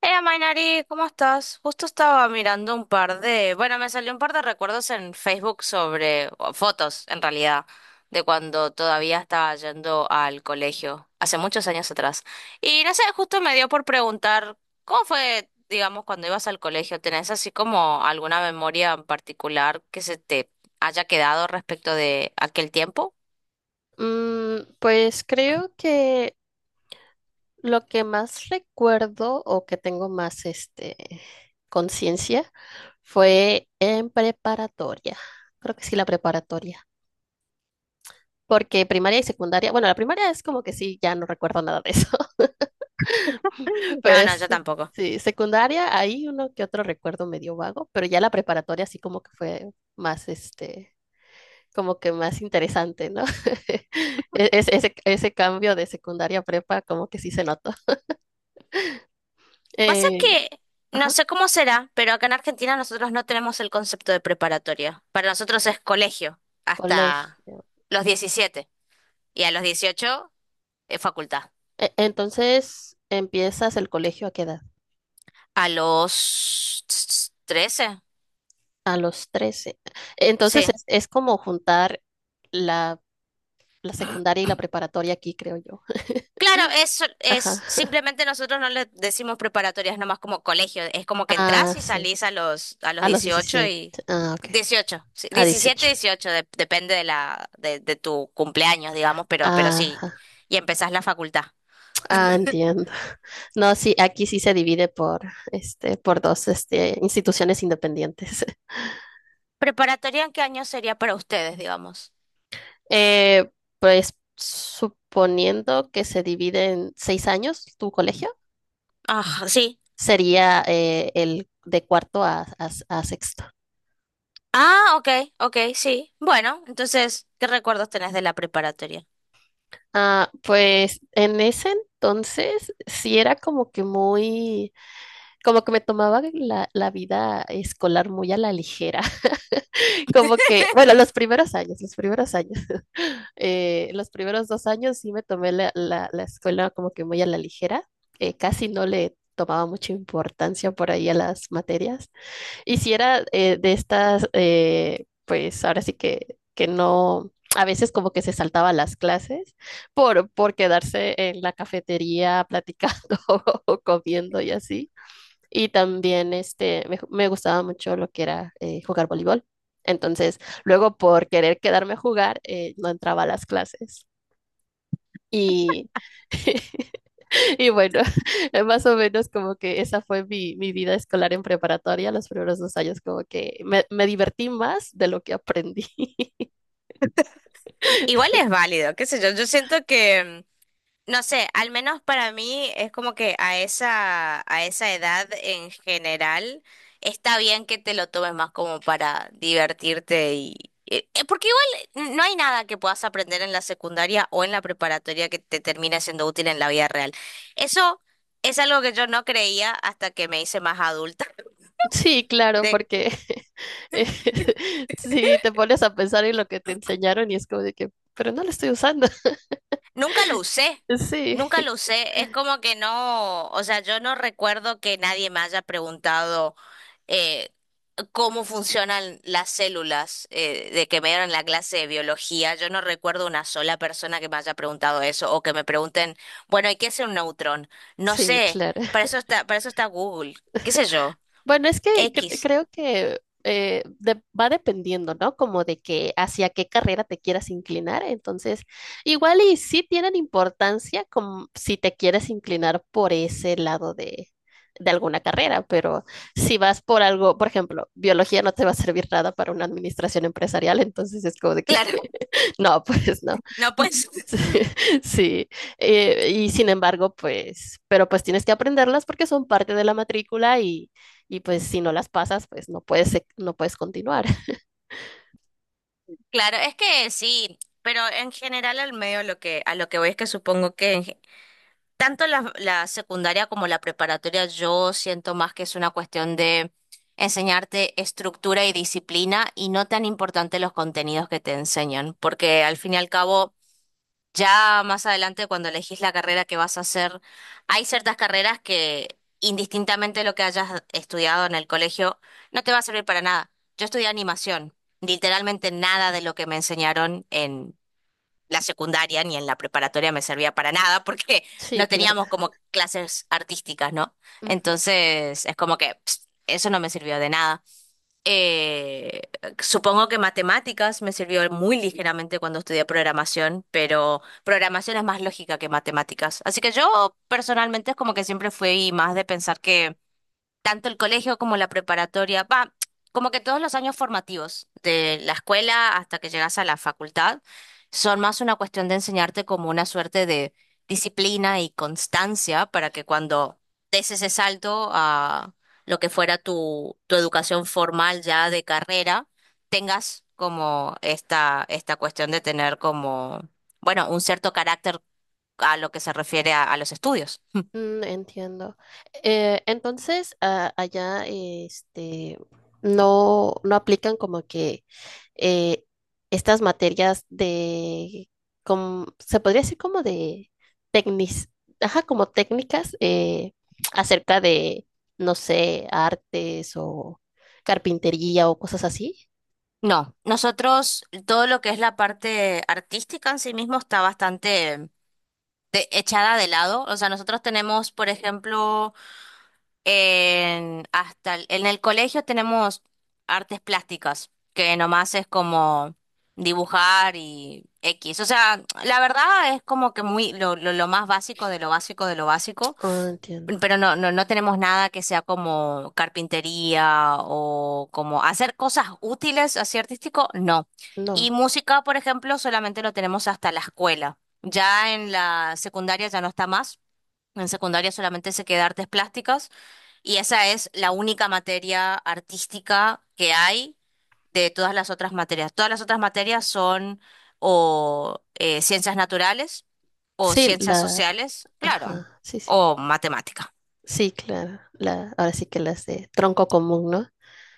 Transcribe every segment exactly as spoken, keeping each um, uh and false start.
Hey, Mainari, ¿cómo estás? Justo estaba mirando un par de, bueno, me salió un par de recuerdos en Facebook sobre, o fotos en realidad, de cuando todavía estaba yendo al colegio, hace muchos años atrás. Y no sé, justo me dio por preguntar, ¿cómo fue, digamos, cuando ibas al colegio? ¿Tenés así como alguna memoria en particular que se te haya quedado respecto de aquel tiempo? Mm, pues creo que lo que más recuerdo o que tengo más este conciencia fue en preparatoria. Creo que sí, la preparatoria. Porque primaria y secundaria, bueno, la primaria es como que sí, ya no recuerdo nada de eso. No, no, Pues yo tampoco. sí, secundaria, ahí uno que otro recuerdo medio vago, pero ya la preparatoria sí como que fue más este, como que más interesante, ¿no? E- Ese, ese, ese cambio de secundaria a prepa como que sí se notó. Pasa Eh, que no ajá, sé cómo será, pero acá en Argentina nosotros no tenemos el concepto de preparatoria. Para nosotros es colegio hasta colegio. los diecisiete y a los dieciocho es facultad. E- entonces, ¿empiezas el colegio a qué edad? A los trece, A los trece. Entonces, sí. es, es como juntar la, la secundaria y la preparatoria aquí, creo yo. Claro, eso Ajá. es simplemente nosotros no le decimos preparatorias, nomás como colegio, es como que Ah, entras y sí. salís a los a los A los dieciocho diecisiete. y Ah, ok. dieciocho, sí, A diecisiete, dieciocho. dieciocho, de- depende de la de, de tu cumpleaños, digamos, pero pero sí, Ajá. y empezás la facultad. Ah, entiendo. No, sí, aquí sí se divide por, este, por dos, este, instituciones independientes. ¿Preparatoria en qué año sería para ustedes, digamos? Eh, pues suponiendo que se divide en seis años tu colegio. Ah, sí. Sería eh, el de cuarto a, a- a sexto. Ah, ok, ok, sí. Bueno, entonces, ¿qué recuerdos tenés de la preparatoria? Ah, pues en ese entonces sí era como que muy, como que me tomaba la, la vida escolar muy a la ligera, como que, bueno, los primeros años, los primeros años, eh, los primeros dos años sí me tomé la, la- la escuela como que muy a la ligera, eh, casi no le tomaba mucha importancia por ahí a las materias. Y si era eh, de estas, eh, pues ahora sí que, que no, a veces como que se saltaba las clases por, por quedarse en la cafetería platicando o comiendo y así. Y también este, me, me gustaba mucho lo que era eh, jugar voleibol. Entonces, luego por querer quedarme a jugar, eh, no entraba a las clases. Y Y bueno, más o menos como que esa fue mi, mi vida escolar en preparatoria, los primeros dos años como que me, me divertí más de lo que aprendí. Igual es válido, qué sé yo. Yo siento que no sé, al menos para mí es como que a esa, a esa edad en general está bien que te lo tomes más como para divertirte y eh, eh, porque igual no hay nada que puedas aprender en la secundaria o en la preparatoria que te termine siendo útil en la vida real. Eso es algo que yo no creía hasta que me hice más adulta, Sí, claro, de que porque eh, si te pones a pensar en lo que te enseñaron y es como de que, pero no lo estoy usando. nunca lo usé. Sí, Nunca lo usé, es como que no, o sea, yo no recuerdo que nadie me haya preguntado eh, cómo funcionan las células, eh, de que me dieron la clase de biología, yo no recuerdo una sola persona que me haya preguntado eso o que me pregunten, bueno, ¿y qué es un neutrón? No sí, sé, claro. para eso está, para eso está Google, qué sé yo, Bueno, es que cre- X. creo que eh, de- va dependiendo, ¿no? Como de que hacia qué carrera te quieras inclinar. Entonces, igual y sí tienen importancia como si te quieres inclinar por ese lado de, de alguna carrera, pero si vas por algo, por ejemplo, biología no te va a servir nada para una administración empresarial, entonces es como de que, Claro, no, pues no. no Mm, pues, Sí, eh, y sin embargo, pues, pero pues tienes que aprenderlas porque son parte de la matrícula y pues si no las pasas, pues no puedes, se- no puedes continuar. claro, es que sí, pero en general al medio lo que a lo que voy es que supongo que en- tanto la, la secundaria como la preparatoria, yo siento más que es una cuestión de enseñarte estructura y disciplina y no tan importante los contenidos que te enseñan, porque al fin y al cabo, ya más adelante cuando elegís la carrera que vas a hacer, hay ciertas carreras que indistintamente lo que hayas estudiado en el colegio, no te va a servir para nada. Yo estudié animación, literalmente nada de lo que me enseñaron la secundaria ni en la preparatoria me servía para nada porque Sí, no claro. teníamos como clases artísticas, ¿no? Ujú. Entonces es como que pst, eso no me sirvió de nada. Eh, Supongo que matemáticas me sirvió muy ligeramente cuando estudié programación, pero programación es más lógica que matemáticas. Así que yo personalmente es como que siempre fui más de pensar que tanto el colegio como la preparatoria, va, como que todos los años formativos, de la escuela hasta que llegas a la facultad, son más una cuestión de enseñarte como una suerte de disciplina y constancia para que cuando des ese salto a lo que fuera tu, tu educación formal ya de carrera, tengas como esta, esta cuestión de tener como, bueno, un cierto carácter a lo que se refiere a a los estudios. Mm, entiendo. Eh, entonces, a- allá, este, no, no aplican como que eh, estas materias de, como, se podría decir como de técnicas, ajá, como técnicas eh, acerca de, no sé, artes o carpintería o cosas así. No, nosotros todo lo que es la parte artística en sí mismo está bastante de- echada de lado. O sea, nosotros tenemos, por ejemplo, en, hasta el- en el colegio tenemos artes plásticas, que nomás es como dibujar y X. O sea, la verdad es como que muy lo, lo, lo más básico de lo básico de lo básico. Ah, entiendo. Pero no, no, no tenemos nada que sea como carpintería o como hacer cosas útiles así artístico, no. Y No. música, por ejemplo, solamente lo tenemos hasta la escuela. Ya en la secundaria ya no está más. En secundaria solamente se queda artes plásticas y esa es la única materia artística que hay de todas las otras materias. Todas las otras materias son o eh, ciencias naturales o Sí, ciencias la. sociales, claro, Ajá, sí, sí. o matemática. Sí, claro. La, ahora sí que las de tronco común, ¿no?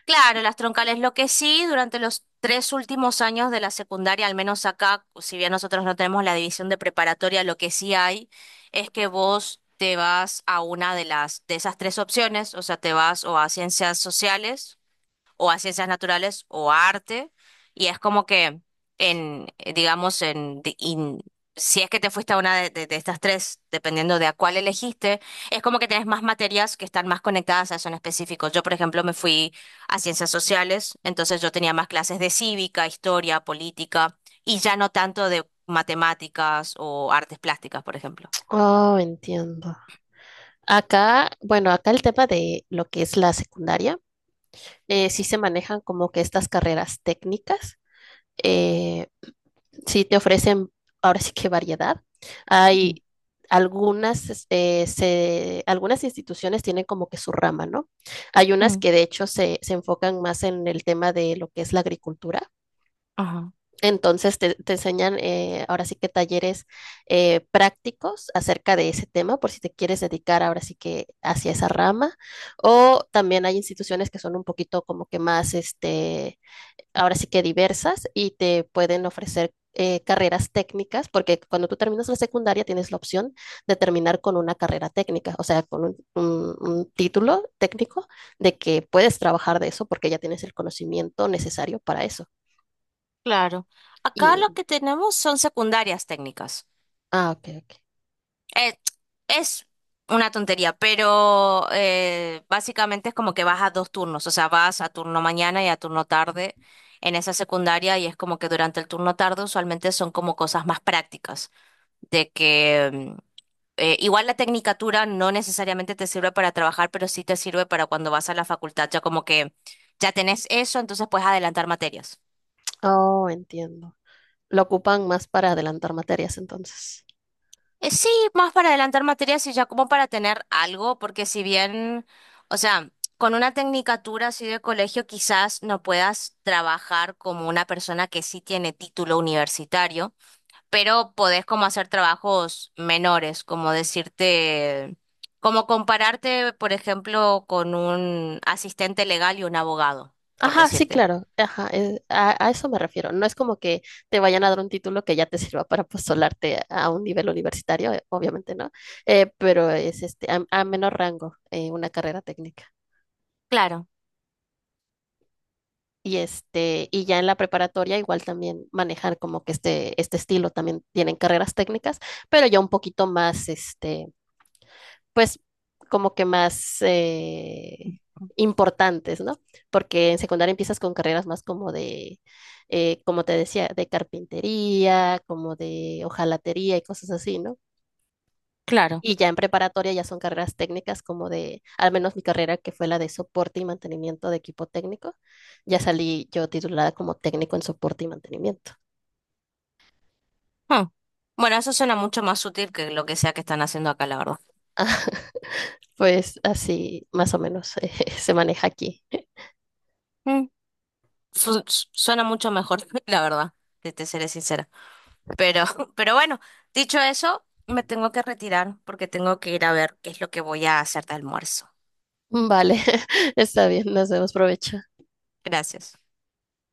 Claro, las troncales, lo que sí, durante los tres últimos años de la secundaria, al menos acá, si bien nosotros no tenemos la división de preparatoria, lo que sí hay es que vos te vas a una de las de esas tres opciones, o sea, te vas o a ciencias sociales o a ciencias naturales o a arte, y es como que en, eh, digamos, en, di- in- si es que te fuiste a una de, de- de estas tres, dependiendo de a cuál elegiste, es como que tenés más materias que están más conectadas a eso en específico. Yo, por ejemplo, me fui a ciencias sociales, entonces yo tenía más clases de cívica, historia, política, y ya no tanto de matemáticas o artes plásticas, por ejemplo. Oh, entiendo. Acá, bueno, acá el tema de lo que es la secundaria, eh, sí se manejan como que estas carreras técnicas. eh, Sí, te ofrecen ahora sí que variedad. Mm, Hay algunas, es- eh, se- algunas instituciones tienen como que su rama, ¿no? Hay unas mm, que de hecho se, se enfocan más en el tema de lo que es la agricultura. Ajá, Entonces te, te enseñan eh, ahora sí que talleres eh, prácticos acerca de ese tema por si te quieres dedicar ahora sí que hacia esa rama. O también hay instituciones que son un poquito como que más este ahora sí que diversas y te pueden ofrecer eh, carreras técnicas, porque cuando tú terminas la secundaria tienes la opción de terminar con una carrera técnica, o sea, con un, un- un título técnico de que puedes trabajar de eso porque ya tienes el conocimiento necesario para eso. claro. Acá Y, lo que tenemos son secundarias técnicas. ah, ok, ok. Eh, es una tontería, pero eh, básicamente es como que vas a dos turnos, o sea, vas a turno mañana y a turno tarde en esa secundaria y es como que durante el turno tarde usualmente son como cosas más prácticas, de que mm, eh, igual la tecnicatura no necesariamente te sirve para trabajar, pero sí te sirve para cuando vas a la facultad, ya como que ya tenés eso, entonces puedes adelantar materias. Oh, entiendo. Lo ocupan más para adelantar materias entonces. Eh, Sí, más para adelantar materias y ya como para tener algo, porque si bien, o sea, con una tecnicatura así de colegio quizás no puedas trabajar como una persona que sí tiene título universitario, pero podés como hacer trabajos menores, como decirte, como compararte, por ejemplo, con un asistente legal y un abogado, por Ajá, sí, decirte. claro. Ajá, eh, a, a eso me refiero. No es como que te vayan a dar un título que ya te sirva para postularte a un nivel universitario, eh, obviamente no, eh, pero es este a, a menor rango eh, una carrera técnica. Claro, Y este, y ya en la preparatoria igual también manejar como que este, este estilo también tienen carreras técnicas, pero ya un poquito más este pues como que más eh, importantes, ¿no? Porque en secundaria empiezas con carreras más como de, eh, como te decía, de carpintería, como de hojalatería y cosas así, ¿no? claro. Y ya en preparatoria ya son carreras técnicas como de, al menos mi carrera que fue la de soporte y mantenimiento de equipo técnico, ya salí yo titulada como técnico en soporte y mantenimiento. Hmm. Bueno, eso suena mucho más útil que lo que sea que están haciendo acá, la verdad. Pues así más o menos eh, se maneja aquí. Su- su- suena mucho mejor, la verdad, te, te seré sincera. Pero, pero bueno, dicho eso, me tengo que retirar porque tengo que ir a ver qué es lo que voy a hacer de almuerzo. Vale, está bien, nos vemos, provecho. Gracias.